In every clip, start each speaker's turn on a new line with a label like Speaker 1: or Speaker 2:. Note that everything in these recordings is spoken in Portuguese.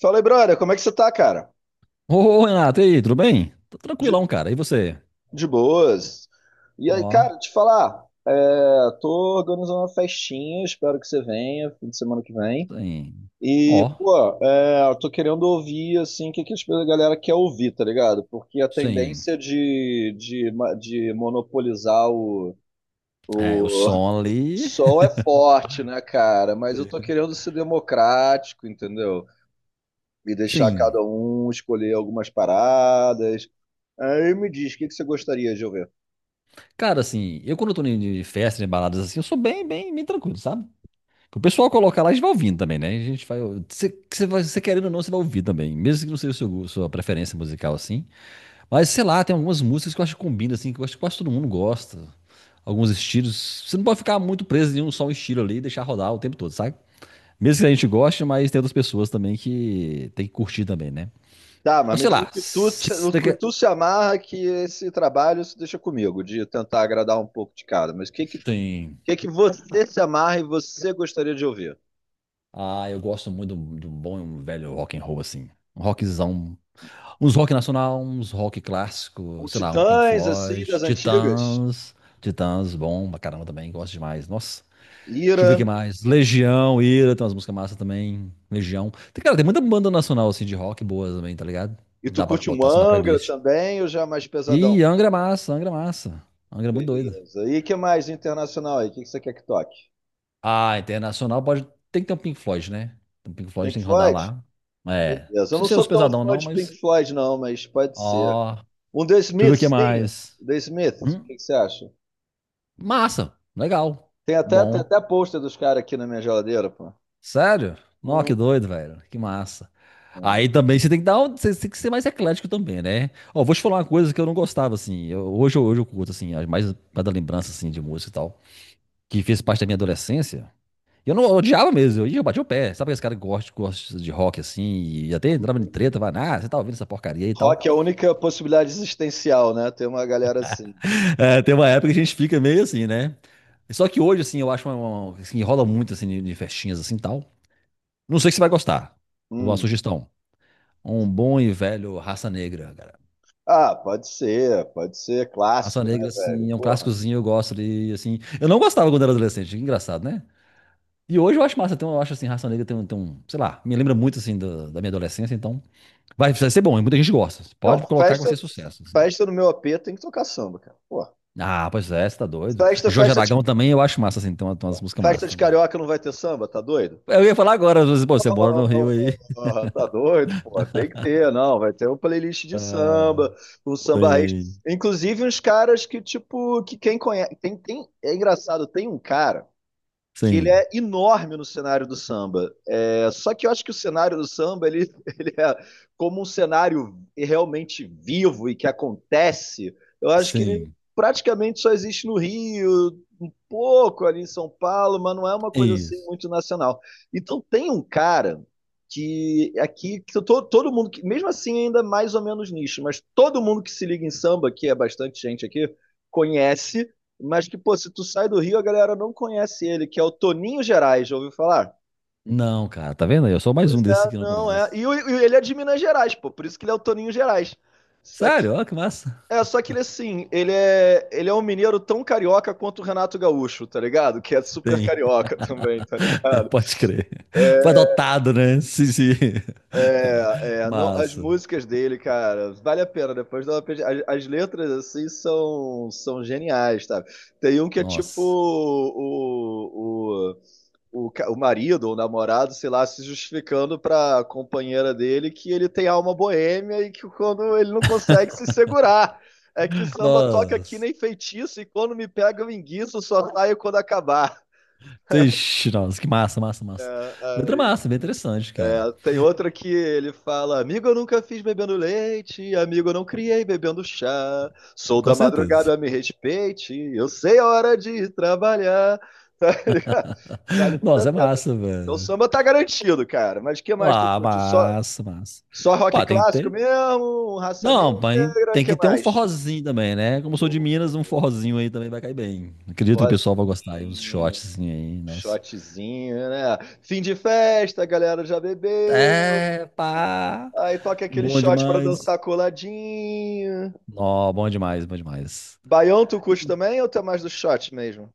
Speaker 1: Fala aí, brother, como é que você tá, cara?
Speaker 2: Ô, Renato, e aí, tudo bem? Tô
Speaker 1: De,
Speaker 2: tranquilão, cara. E você?
Speaker 1: de boas. E aí,
Speaker 2: Ó,
Speaker 1: cara, te falar, é, tô organizando uma festinha, espero que você venha, fim de semana que vem.
Speaker 2: sim.
Speaker 1: E,
Speaker 2: Ó,
Speaker 1: pô, eu tô querendo ouvir, assim, o que, que a galera quer ouvir, tá ligado? Porque a
Speaker 2: sim.
Speaker 1: tendência de monopolizar o,
Speaker 2: É, o
Speaker 1: o
Speaker 2: som ali,
Speaker 1: som é forte, né, cara? Mas eu tô querendo ser democrático, entendeu? E deixar cada
Speaker 2: sim.
Speaker 1: um escolher algumas paradas. Aí me diz, o que que você gostaria de ouvir?
Speaker 2: Cara, assim, eu quando eu tô em de festa, em baladas assim, eu sou bem, bem, bem tranquilo, sabe? O pessoal coloca lá, a gente vai ouvindo também, né? A gente vai. Você querendo ou não, você vai ouvir também. Mesmo que não seja o sua preferência musical, assim. Mas, sei lá, tem algumas músicas que eu acho que combina, assim, que eu acho que quase todo mundo gosta. Alguns estilos. Você não pode ficar muito preso em um só estilo ali e deixar rodar o tempo todo, sabe? Mesmo que a gente goste, mas tem outras pessoas também que tem que curtir também, né?
Speaker 1: Tá, mas
Speaker 2: Eu
Speaker 1: me
Speaker 2: sei
Speaker 1: diz o
Speaker 2: lá.
Speaker 1: que tu, te- o que tu se amarra que esse trabalho se deixa comigo, de tentar agradar um pouco de cada. Mas o que que, o
Speaker 2: Sim.
Speaker 1: que que você se amarra e você gostaria de ouvir?
Speaker 2: Ah, eu gosto muito do bom e um velho rock and roll, assim. Um rockzão. Uns rock nacional, uns rock clássico,
Speaker 1: Um
Speaker 2: sei lá, um Pink
Speaker 1: Titãs, assim,
Speaker 2: Floyd,
Speaker 1: das antigas?
Speaker 2: Titãs. Titãs, bom pra caramba também, gosto demais. Nossa. Deixa eu
Speaker 1: Ira?
Speaker 2: ver o que mais. Legião, Ira, tem umas músicas massas também. Legião. Tem, cara, tem muita banda nacional, assim, de rock boas também, tá ligado?
Speaker 1: E tu
Speaker 2: Dá pra
Speaker 1: curte um
Speaker 2: botar assim na
Speaker 1: Angra
Speaker 2: playlist.
Speaker 1: também ou já é mais
Speaker 2: E
Speaker 1: pesadão?
Speaker 2: Angra é massa, Angra é massa. Angra é muito doido.
Speaker 1: Beleza. E que mais internacional aí? O que que você quer que toque?
Speaker 2: Ah, internacional pode. Tem que ter um Pink Floyd, né? Tem um Pink Floyd
Speaker 1: Pink
Speaker 2: tem que rodar
Speaker 1: Floyd?
Speaker 2: lá. É. Não
Speaker 1: Beleza. Eu não
Speaker 2: precisa ser os
Speaker 1: sou tão
Speaker 2: pesadão,
Speaker 1: fã
Speaker 2: não,
Speaker 1: de Pink
Speaker 2: mas.
Speaker 1: Floyd, não, mas pode ser.
Speaker 2: Ó. Deixa
Speaker 1: Um The
Speaker 2: eu ver o que
Speaker 1: Smiths tinha.
Speaker 2: mais.
Speaker 1: The Smiths, o
Speaker 2: Hum,
Speaker 1: que que você acha?
Speaker 2: massa. Legal.
Speaker 1: Tem até, tem
Speaker 2: Bom.
Speaker 1: até pôster dos caras aqui na minha geladeira, pô.
Speaker 2: Sério? Nossa,
Speaker 1: Uhum.
Speaker 2: que doido, velho. Que massa.
Speaker 1: É.
Speaker 2: Aí também você tem que você tem que ser mais eclético também, né? Ó, vou te falar uma coisa que eu não gostava, assim. Hoje, hoje eu curto, assim, mais mais da lembrança, assim, de música e tal. Que fez parte da minha adolescência. E eu não eu odiava mesmo, eu ia, eu batia o pé. Sabe aqueles caras que gostam, gostam de rock assim, e até entrava em treta, vai, ah, você tá ouvindo essa porcaria aí e tal.
Speaker 1: Rock é a única possibilidade existencial, né? Tem uma galera assim.
Speaker 2: É, tem uma época que a gente fica meio assim, né? Só que hoje, assim, eu acho uma assim, rola muito assim, de festinhas assim e tal. Não sei se você vai gostar. Uma
Speaker 1: Hum.
Speaker 2: sugestão. Um bom e velho Raça Negra, cara.
Speaker 1: Ah, pode ser
Speaker 2: Raça
Speaker 1: clássico, né,
Speaker 2: Negra,
Speaker 1: velho?
Speaker 2: assim, é um
Speaker 1: Porra.
Speaker 2: clássicozinho, eu gosto de, assim. Eu não gostava quando era adolescente, que engraçado, né? E hoje eu acho massa, então eu acho assim, Raça Negra tem um, sei lá, me lembra muito assim da minha adolescência, então vai, vai ser bom, e muita gente gosta. Pode
Speaker 1: Não,
Speaker 2: colocar que vai
Speaker 1: festa,
Speaker 2: ser sucesso. Assim.
Speaker 1: festa no meu AP tem que tocar samba, cara. Porra.
Speaker 2: Ah, pois é, você tá doido.
Speaker 1: Festa,
Speaker 2: Jorge
Speaker 1: festa de,
Speaker 2: Aragão também eu acho massa, assim, tem umas músicas
Speaker 1: festa
Speaker 2: massas
Speaker 1: de
Speaker 2: também.
Speaker 1: carioca não vai ter samba, tá doido?
Speaker 2: Eu ia falar agora, às vezes, pô, você mora no Rio aí.
Speaker 1: Oh, tá doido, pô. Tem que ter, não. Vai ter uma playlist de
Speaker 2: Ah,
Speaker 1: samba, um samba raiz.
Speaker 2: sim,
Speaker 1: Inclusive uns caras que, tipo, que quem conhece. É engraçado, tem um cara que ele
Speaker 2: sim,
Speaker 1: é enorme no cenário do samba. É, só que eu acho que o cenário do samba ele, ele é como um cenário realmente vivo e que acontece. Eu acho que ele
Speaker 2: sim.
Speaker 1: praticamente só existe no Rio, um pouco ali em São Paulo, mas não é uma coisa assim
Speaker 2: Isso.
Speaker 1: muito nacional. Então tem um cara que aqui que todo mundo, que, mesmo assim ainda é mais ou menos nicho, mas todo mundo que se liga em samba, que é bastante gente aqui, conhece mas que, pô, se tu sai do Rio, a galera não conhece ele, que é o Toninho Gerais, já ouviu falar?
Speaker 2: Não, cara, tá vendo aí? Eu sou mais
Speaker 1: Pois
Speaker 2: um desses
Speaker 1: é,
Speaker 2: que não
Speaker 1: não é.
Speaker 2: conhece.
Speaker 1: E ele é de Minas Gerais, pô, por isso que ele é o Toninho Gerais. Só que,
Speaker 2: Sério, ó, que massa.
Speaker 1: só que ele, assim, ele é um mineiro tão carioca quanto o Renato Gaúcho, tá ligado? Que é super
Speaker 2: Tem,
Speaker 1: carioca também, tá ligado?
Speaker 2: pode crer. Foi adotado, né? Sim, sim.
Speaker 1: É, é, não, as
Speaker 2: Massa.
Speaker 1: músicas dele, cara, vale a pena. Depois dá uma as letras, assim, são geniais, tá? Tem um que é tipo
Speaker 2: Nossa.
Speaker 1: o marido ou namorado, sei lá, se justificando pra companheira dele que ele tem alma boêmia e que quando ele não consegue se segurar. É que o samba toca aqui
Speaker 2: Nossa.
Speaker 1: nem feitiço e quando me pega eu enguiço, só saio quando acabar.
Speaker 2: Ixi, nossa, que massa, massa,
Speaker 1: É,
Speaker 2: massa. Letra
Speaker 1: é,
Speaker 2: massa, bem interessante, cara.
Speaker 1: é, tem outra que ele fala: Amigo, eu nunca fiz bebendo leite, amigo, eu não criei bebendo chá. Sou
Speaker 2: Com
Speaker 1: da
Speaker 2: certeza.
Speaker 1: madrugada, me respeite, eu sei a hora de trabalhar. Tá ligado? Vale muito a
Speaker 2: Nossa, é
Speaker 1: pena.
Speaker 2: massa,
Speaker 1: Então
Speaker 2: velho.
Speaker 1: samba tá garantido, cara. Mas o que mais tu
Speaker 2: Ah,
Speaker 1: curte? Só,
Speaker 2: massa, massa.
Speaker 1: só rock
Speaker 2: Ó, tem que
Speaker 1: clássico
Speaker 2: ter.
Speaker 1: mesmo? Raça
Speaker 2: Não, mas
Speaker 1: Negra? O
Speaker 2: tem
Speaker 1: que
Speaker 2: que ter um
Speaker 1: mais?
Speaker 2: forrozinho também, né? Como eu
Speaker 1: Pô,
Speaker 2: sou de Minas, um forrozinho aí também vai cair bem. Acredito que o pessoal vai gostar aí, uns
Speaker 1: Rosinho,
Speaker 2: shots assim aí, nossa.
Speaker 1: shotzinho, né? Fim de festa, a galera já bebeu.
Speaker 2: É, pá!
Speaker 1: Aí toca aquele
Speaker 2: Bom
Speaker 1: shot pra
Speaker 2: demais.
Speaker 1: dançar coladinho.
Speaker 2: Nó, bom demais, bom demais.
Speaker 1: Baião tu curte também ou tu é mais do shot mesmo?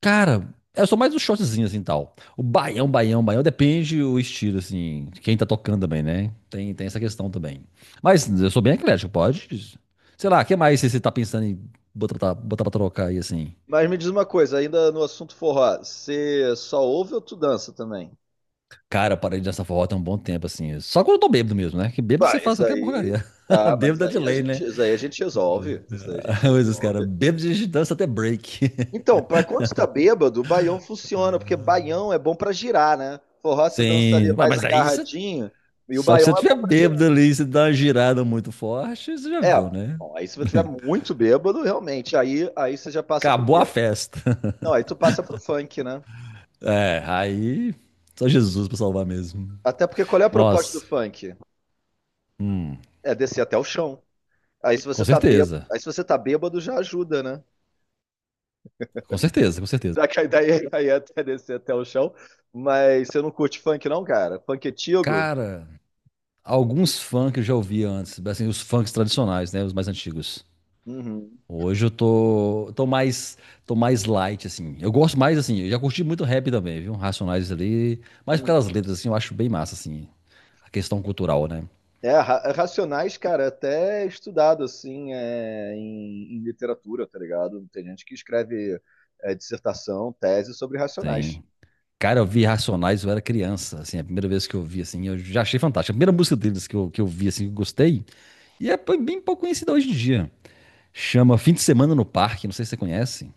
Speaker 2: Cara, eu sou mais um shortzinho assim tal. O baião, baião, baião, depende o estilo, assim, de quem tá tocando também, né? Tem essa questão também. Mas eu sou bem eclético, pode. Sei lá, o que mais você tá pensando em botar, botar pra trocar aí, assim?
Speaker 1: Mas me diz uma coisa, ainda no assunto forró, você só ouve ou tu dança também?
Speaker 2: Cara, eu parei de dançar forró tem um bom tempo, assim. Só quando eu tô bêbado mesmo, né? Que bêbado você
Speaker 1: Pá,
Speaker 2: faz
Speaker 1: isso
Speaker 2: qualquer
Speaker 1: aí.
Speaker 2: porcaria.
Speaker 1: Tá, mas
Speaker 2: Bêbado é de
Speaker 1: aí a
Speaker 2: lei,
Speaker 1: gente,
Speaker 2: né?
Speaker 1: isso aí a gente resolve. Isso aí a gente
Speaker 2: Mas os caras,
Speaker 1: resolve.
Speaker 2: bêbado a gente dança até break.
Speaker 1: Então, pra quando você tá bêbado, o baião funciona, porque baião é bom pra girar, né? Forró você dança ali
Speaker 2: Sim, ué,
Speaker 1: mais
Speaker 2: mas aí você.
Speaker 1: agarradinho, e o
Speaker 2: Só que se você
Speaker 1: baião é
Speaker 2: tiver
Speaker 1: bom pra girar.
Speaker 2: bêbado ali, você dá uma girada muito forte, você já
Speaker 1: É,
Speaker 2: viu, né?
Speaker 1: bom, aí se você tiver muito bêbado, realmente, aí você já passa pro
Speaker 2: Acabou
Speaker 1: quê?
Speaker 2: a festa.
Speaker 1: Não, aí tu passa pro funk, né?
Speaker 2: É, aí só Jesus pra salvar mesmo.
Speaker 1: Até porque qual é a proposta do
Speaker 2: Nossa,
Speaker 1: funk?
Speaker 2: hum,
Speaker 1: É descer até o chão. Aí se você
Speaker 2: com
Speaker 1: tá bêbado,
Speaker 2: certeza.
Speaker 1: aí se você tá bêbado já ajuda, né?
Speaker 2: Com certeza, com certeza.
Speaker 1: Daí até descer até o chão. Mas você não curte funk, não, cara? Funk antigo?
Speaker 2: Cara, alguns funk que eu já ouvi antes, assim, os funks tradicionais, né, os mais antigos.
Speaker 1: Uhum.
Speaker 2: Hoje eu tô mais light assim. Eu gosto mais assim, eu já curti muito rap também, viu? Racionais ali, mas por causa
Speaker 1: Uhum.
Speaker 2: das letras assim, eu acho bem massa assim, a questão cultural, né?
Speaker 1: É, é Racionais, cara, é até estudado, assim, em literatura, tá ligado? Tem gente que escreve dissertação, tese sobre Racionais.
Speaker 2: Sim. Cara, eu vi Racionais, eu era criança, assim, a primeira vez que eu vi, assim, eu já achei fantástico. A primeira música deles que eu vi, assim, que eu gostei, e é bem pouco conhecida hoje em dia. Chama Fim de Semana no Parque, não sei se você conhece,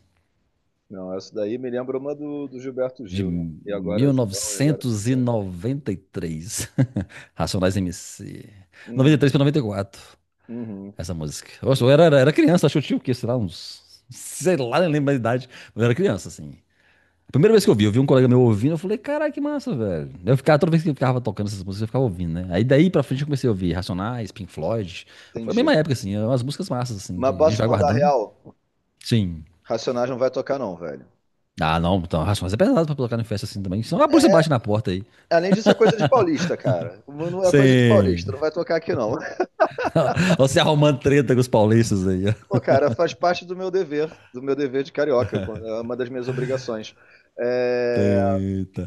Speaker 1: Não, essa daí me lembra uma do Gilberto
Speaker 2: de
Speaker 1: Gil, né? E agora, João, e agora... né?
Speaker 2: 1993. Racionais MC.
Speaker 1: Uhum,
Speaker 2: 93 para 94,
Speaker 1: uhum,
Speaker 2: essa música. Nossa, eu era criança, acho que eu tinha o quê, sei lá, uns... Sei lá, nem lembro a idade, mas eu era criança, assim. A primeira vez que eu vi um colega meu ouvindo, eu falei, caralho, que massa, velho. Eu ficava, toda vez que eu ficava tocando essas músicas, eu ficava ouvindo, né? Aí daí pra frente eu comecei a ouvir Racionais, Pink Floyd. Foi a mesma
Speaker 1: entendi.
Speaker 2: época, assim, é umas músicas massas, assim, que
Speaker 1: Mas
Speaker 2: a gente
Speaker 1: posso
Speaker 2: vai
Speaker 1: mandar
Speaker 2: guardando.
Speaker 1: real?
Speaker 2: Sim.
Speaker 1: Racionais não vai tocar, não, velho.
Speaker 2: Ah, não, então, Racionais é pesado pra colocar em festa assim também. Senão a polícia bate na porta aí.
Speaker 1: Além disso, é coisa de paulista, cara. Não é coisa de paulista,
Speaker 2: Sim.
Speaker 1: não vai tocar aqui não.
Speaker 2: Você arrumando treta com os paulistas aí, ó.
Speaker 1: Pô, cara, faz parte do meu dever de carioca, é uma das minhas obrigações. É,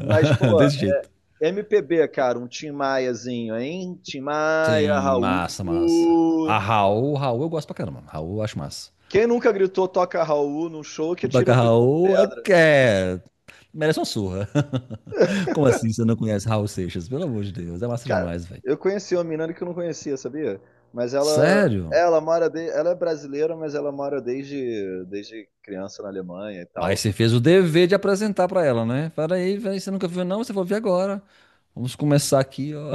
Speaker 1: mas, pô,
Speaker 2: Desse jeito.
Speaker 1: MPB, cara, um Tim Maiazinho, hein? Tim Maia,
Speaker 2: Sim,
Speaker 1: Raul.
Speaker 2: massa, massa. A Raul, Raul eu gosto pra caramba. Raul eu acho massa.
Speaker 1: Quem nunca gritou toca Raul num show que
Speaker 2: Da
Speaker 1: tira a primeira
Speaker 2: Raul é,
Speaker 1: pedra?
Speaker 2: que é- merece uma surra. Como assim você não conhece Raul Seixas? Pelo amor de Deus, é massa
Speaker 1: Cara,
Speaker 2: demais, velho.
Speaker 1: eu conheci uma menina que eu não conhecia, sabia? Mas ela,
Speaker 2: Sério?
Speaker 1: ela mora de, ela é brasileira, mas ela mora desde criança na Alemanha e tal.
Speaker 2: Mas você fez o dever de apresentar pra ela, né? Fala aí, velho, você nunca viu, não? Você vai ver agora. Vamos começar aqui, ó.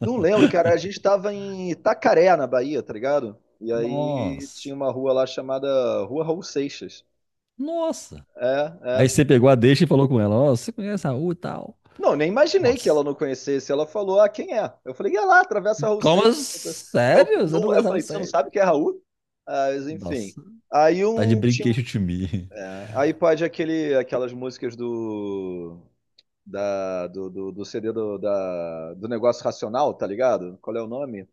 Speaker 1: Não lembro, cara. A gente tava em Itacaré, na Bahia, tá ligado? E aí
Speaker 2: Nossa,
Speaker 1: tinha uma rua lá chamada Rua Raul Seixas.
Speaker 2: nossa.
Speaker 1: É,
Speaker 2: Aí você
Speaker 1: é.
Speaker 2: pegou a deixa e falou com ela, ó, você conhece Raul e tal?
Speaker 1: Não, nem imaginei que
Speaker 2: Nossa.
Speaker 1: ela não conhecesse. Ela falou, ah, quem é? Eu falei, é lá, atravessa a Raul
Speaker 2: Como?
Speaker 1: Seixas.
Speaker 2: Assim?
Speaker 1: É o
Speaker 2: Sério?
Speaker 1: que-
Speaker 2: Você não
Speaker 1: não-
Speaker 2: conhece
Speaker 1: Eu
Speaker 2: Raul
Speaker 1: falei, você não sabe
Speaker 2: Seixas?
Speaker 1: quem é Raul? Ah, mas, enfim.
Speaker 2: Nossa,
Speaker 1: Aí
Speaker 2: tá de
Speaker 1: um.
Speaker 2: brinquedo de mim.
Speaker 1: Aí pode aquelas músicas do. Do CD do Negócio Racional, tá ligado? Qual é o nome?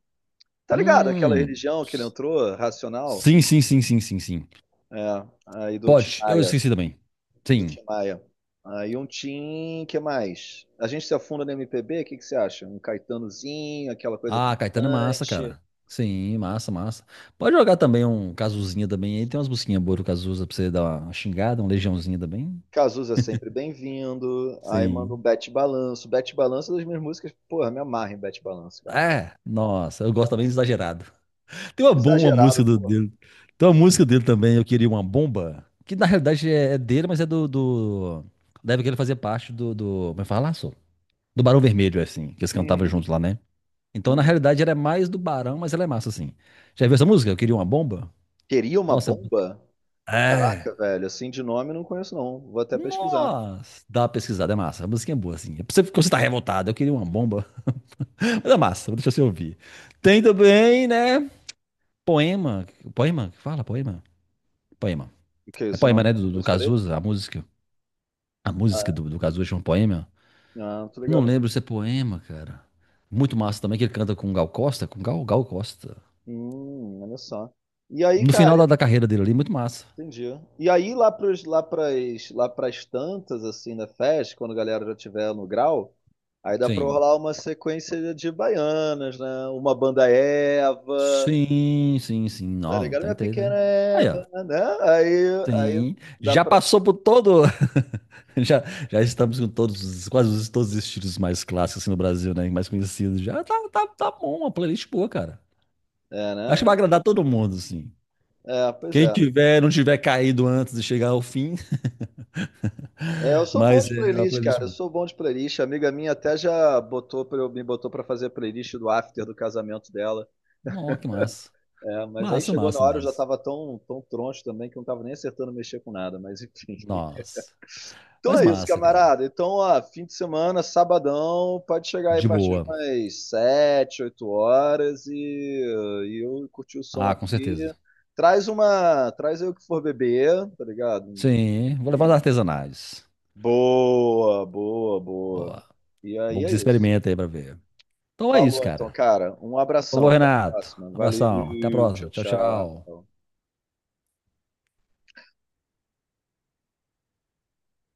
Speaker 1: Tá ligado? Aquela
Speaker 2: Hum.
Speaker 1: religião que ele entrou, Racional.
Speaker 2: Sim, sim, sim, sim, sim, sim.
Speaker 1: É, aí do Tim
Speaker 2: Pode, eu
Speaker 1: Maia,
Speaker 2: esqueci também.
Speaker 1: do
Speaker 2: Sim.
Speaker 1: Tim Maia. Aí um Tim, que mais? A gente se afunda no MPB, o que que você acha? Um Caetanozinho, aquela coisa
Speaker 2: Ah, Caetano é massa,
Speaker 1: triunfante.
Speaker 2: cara. Sim, massa, massa. Pode jogar também um Cazuzinha também. Aí tem umas busquinhas,
Speaker 1: O
Speaker 2: boas do Cazuza pra você dar uma xingada, um Legiãozinho também.
Speaker 1: Cazuza é sempre bem-vindo. Aí manda um
Speaker 2: Sim.
Speaker 1: Bete Balanço. Bete Balanço é das minhas músicas, porra, me amarra em Bete Balanço, cara.
Speaker 2: É, nossa, eu
Speaker 1: Me
Speaker 2: gosto também
Speaker 1: amarra.
Speaker 2: do exagerado. Tem uma bomba, uma música
Speaker 1: Exagerado, porra.
Speaker 2: dele. Tem uma música dele também, Eu Queria Uma Bomba, que na realidade é, é dele, mas é do... Deve que ele fazia parte do... Como é que fala, só? Do Barão Vermelho, assim, que eles cantavam
Speaker 1: Uhum,
Speaker 2: juntos lá, né? Então, na
Speaker 1: uhum.
Speaker 2: realidade, ela é mais do Barão, mas ela é massa, assim. Já viu essa música? Eu queria uma bomba?
Speaker 1: Teria uma
Speaker 2: Nossa,
Speaker 1: bomba?
Speaker 2: é.
Speaker 1: Caraca, velho, assim de nome não conheço não. Vou até pesquisar.
Speaker 2: Nossa, dá uma pesquisada, é massa. A musiquinha é boa, assim. É pra você, quando você tá revoltado, eu queria uma bomba. Mas é massa, deixa você ouvir. Tem também, né? Poema. Poema? Que fala, poema. Poema.
Speaker 1: O que é
Speaker 2: É
Speaker 1: esse
Speaker 2: poema,
Speaker 1: nome
Speaker 2: né?
Speaker 1: da
Speaker 2: Do
Speaker 1: música dele?
Speaker 2: Cazuza, a música. A
Speaker 1: Ah,
Speaker 2: música do Cazuza chama poema.
Speaker 1: é? Ah, não tô
Speaker 2: Não
Speaker 1: ligado não.
Speaker 2: lembro se é poema, cara. Muito massa também, que ele canta com o Gal Costa. Com o Gal, Gal Costa.
Speaker 1: Olha só. E aí,
Speaker 2: No final
Speaker 1: cara,
Speaker 2: da carreira dele ali, muito massa.
Speaker 1: entendi. E aí, lá pras tantas, assim, da festa, quando a galera já tiver no grau, aí dá pra
Speaker 2: Sim.
Speaker 1: rolar uma sequência de baianas, né? Uma banda Eva,
Speaker 2: Sim, sim, sim.
Speaker 1: tá
Speaker 2: Não, não
Speaker 1: ligado?
Speaker 2: tem
Speaker 1: Minha
Speaker 2: que ter,
Speaker 1: pequena
Speaker 2: né? Aí, ó.
Speaker 1: Eva, né? Aí
Speaker 2: Sim.
Speaker 1: dá
Speaker 2: Já
Speaker 1: pra.
Speaker 2: passou por todo. Já, já estamos com todos, os- quase todos os estilos mais clássicos assim, no Brasil, né? Mais conhecidos. Já tá, tá, tá bom, uma playlist boa, cara.
Speaker 1: É,
Speaker 2: Acho que
Speaker 1: né?
Speaker 2: vai agradar todo mundo, assim.
Speaker 1: É, pois
Speaker 2: Quem
Speaker 1: é.
Speaker 2: tiver, não tiver caído antes de chegar ao fim,
Speaker 1: É, eu sou bom
Speaker 2: mas
Speaker 1: de
Speaker 2: é uma
Speaker 1: playlist,
Speaker 2: playlist
Speaker 1: cara. Eu
Speaker 2: boa.
Speaker 1: sou bom de playlist. A amiga minha até já botou pra, me botou pra fazer a playlist do after do casamento dela.
Speaker 2: Nossa, que massa.
Speaker 1: É, mas aí
Speaker 2: Massa,
Speaker 1: chegou na
Speaker 2: massa,
Speaker 1: hora, eu já
Speaker 2: massa.
Speaker 1: tava tão, tão troncho também que eu não tava nem acertando mexer com nada, mas enfim.
Speaker 2: Nossa.
Speaker 1: Então
Speaker 2: Mas
Speaker 1: é isso,
Speaker 2: massa, cara.
Speaker 1: camarada. Então, ó, fim de semana, sabadão, pode chegar aí a
Speaker 2: De
Speaker 1: partir de
Speaker 2: boa.
Speaker 1: umas 7, 8 horas e eu curti o som
Speaker 2: Ah, com
Speaker 1: aqui.
Speaker 2: certeza.
Speaker 1: Traz uma. Traz aí o que for beber, tá ligado?
Speaker 2: Sim, vou levar os
Speaker 1: E-
Speaker 2: artesanais.
Speaker 1: Boa, boa, boa.
Speaker 2: Boa.
Speaker 1: E aí
Speaker 2: Bom que
Speaker 1: é
Speaker 2: você
Speaker 1: isso.
Speaker 2: experimenta aí pra ver. Então é isso,
Speaker 1: Falou então,
Speaker 2: cara.
Speaker 1: cara. Um
Speaker 2: Falou,
Speaker 1: abração. Até a
Speaker 2: Renato.
Speaker 1: próxima. Valeu,
Speaker 2: Abração. Até a
Speaker 1: tchau,
Speaker 2: próxima. Tchau,
Speaker 1: tchau.
Speaker 2: tchau.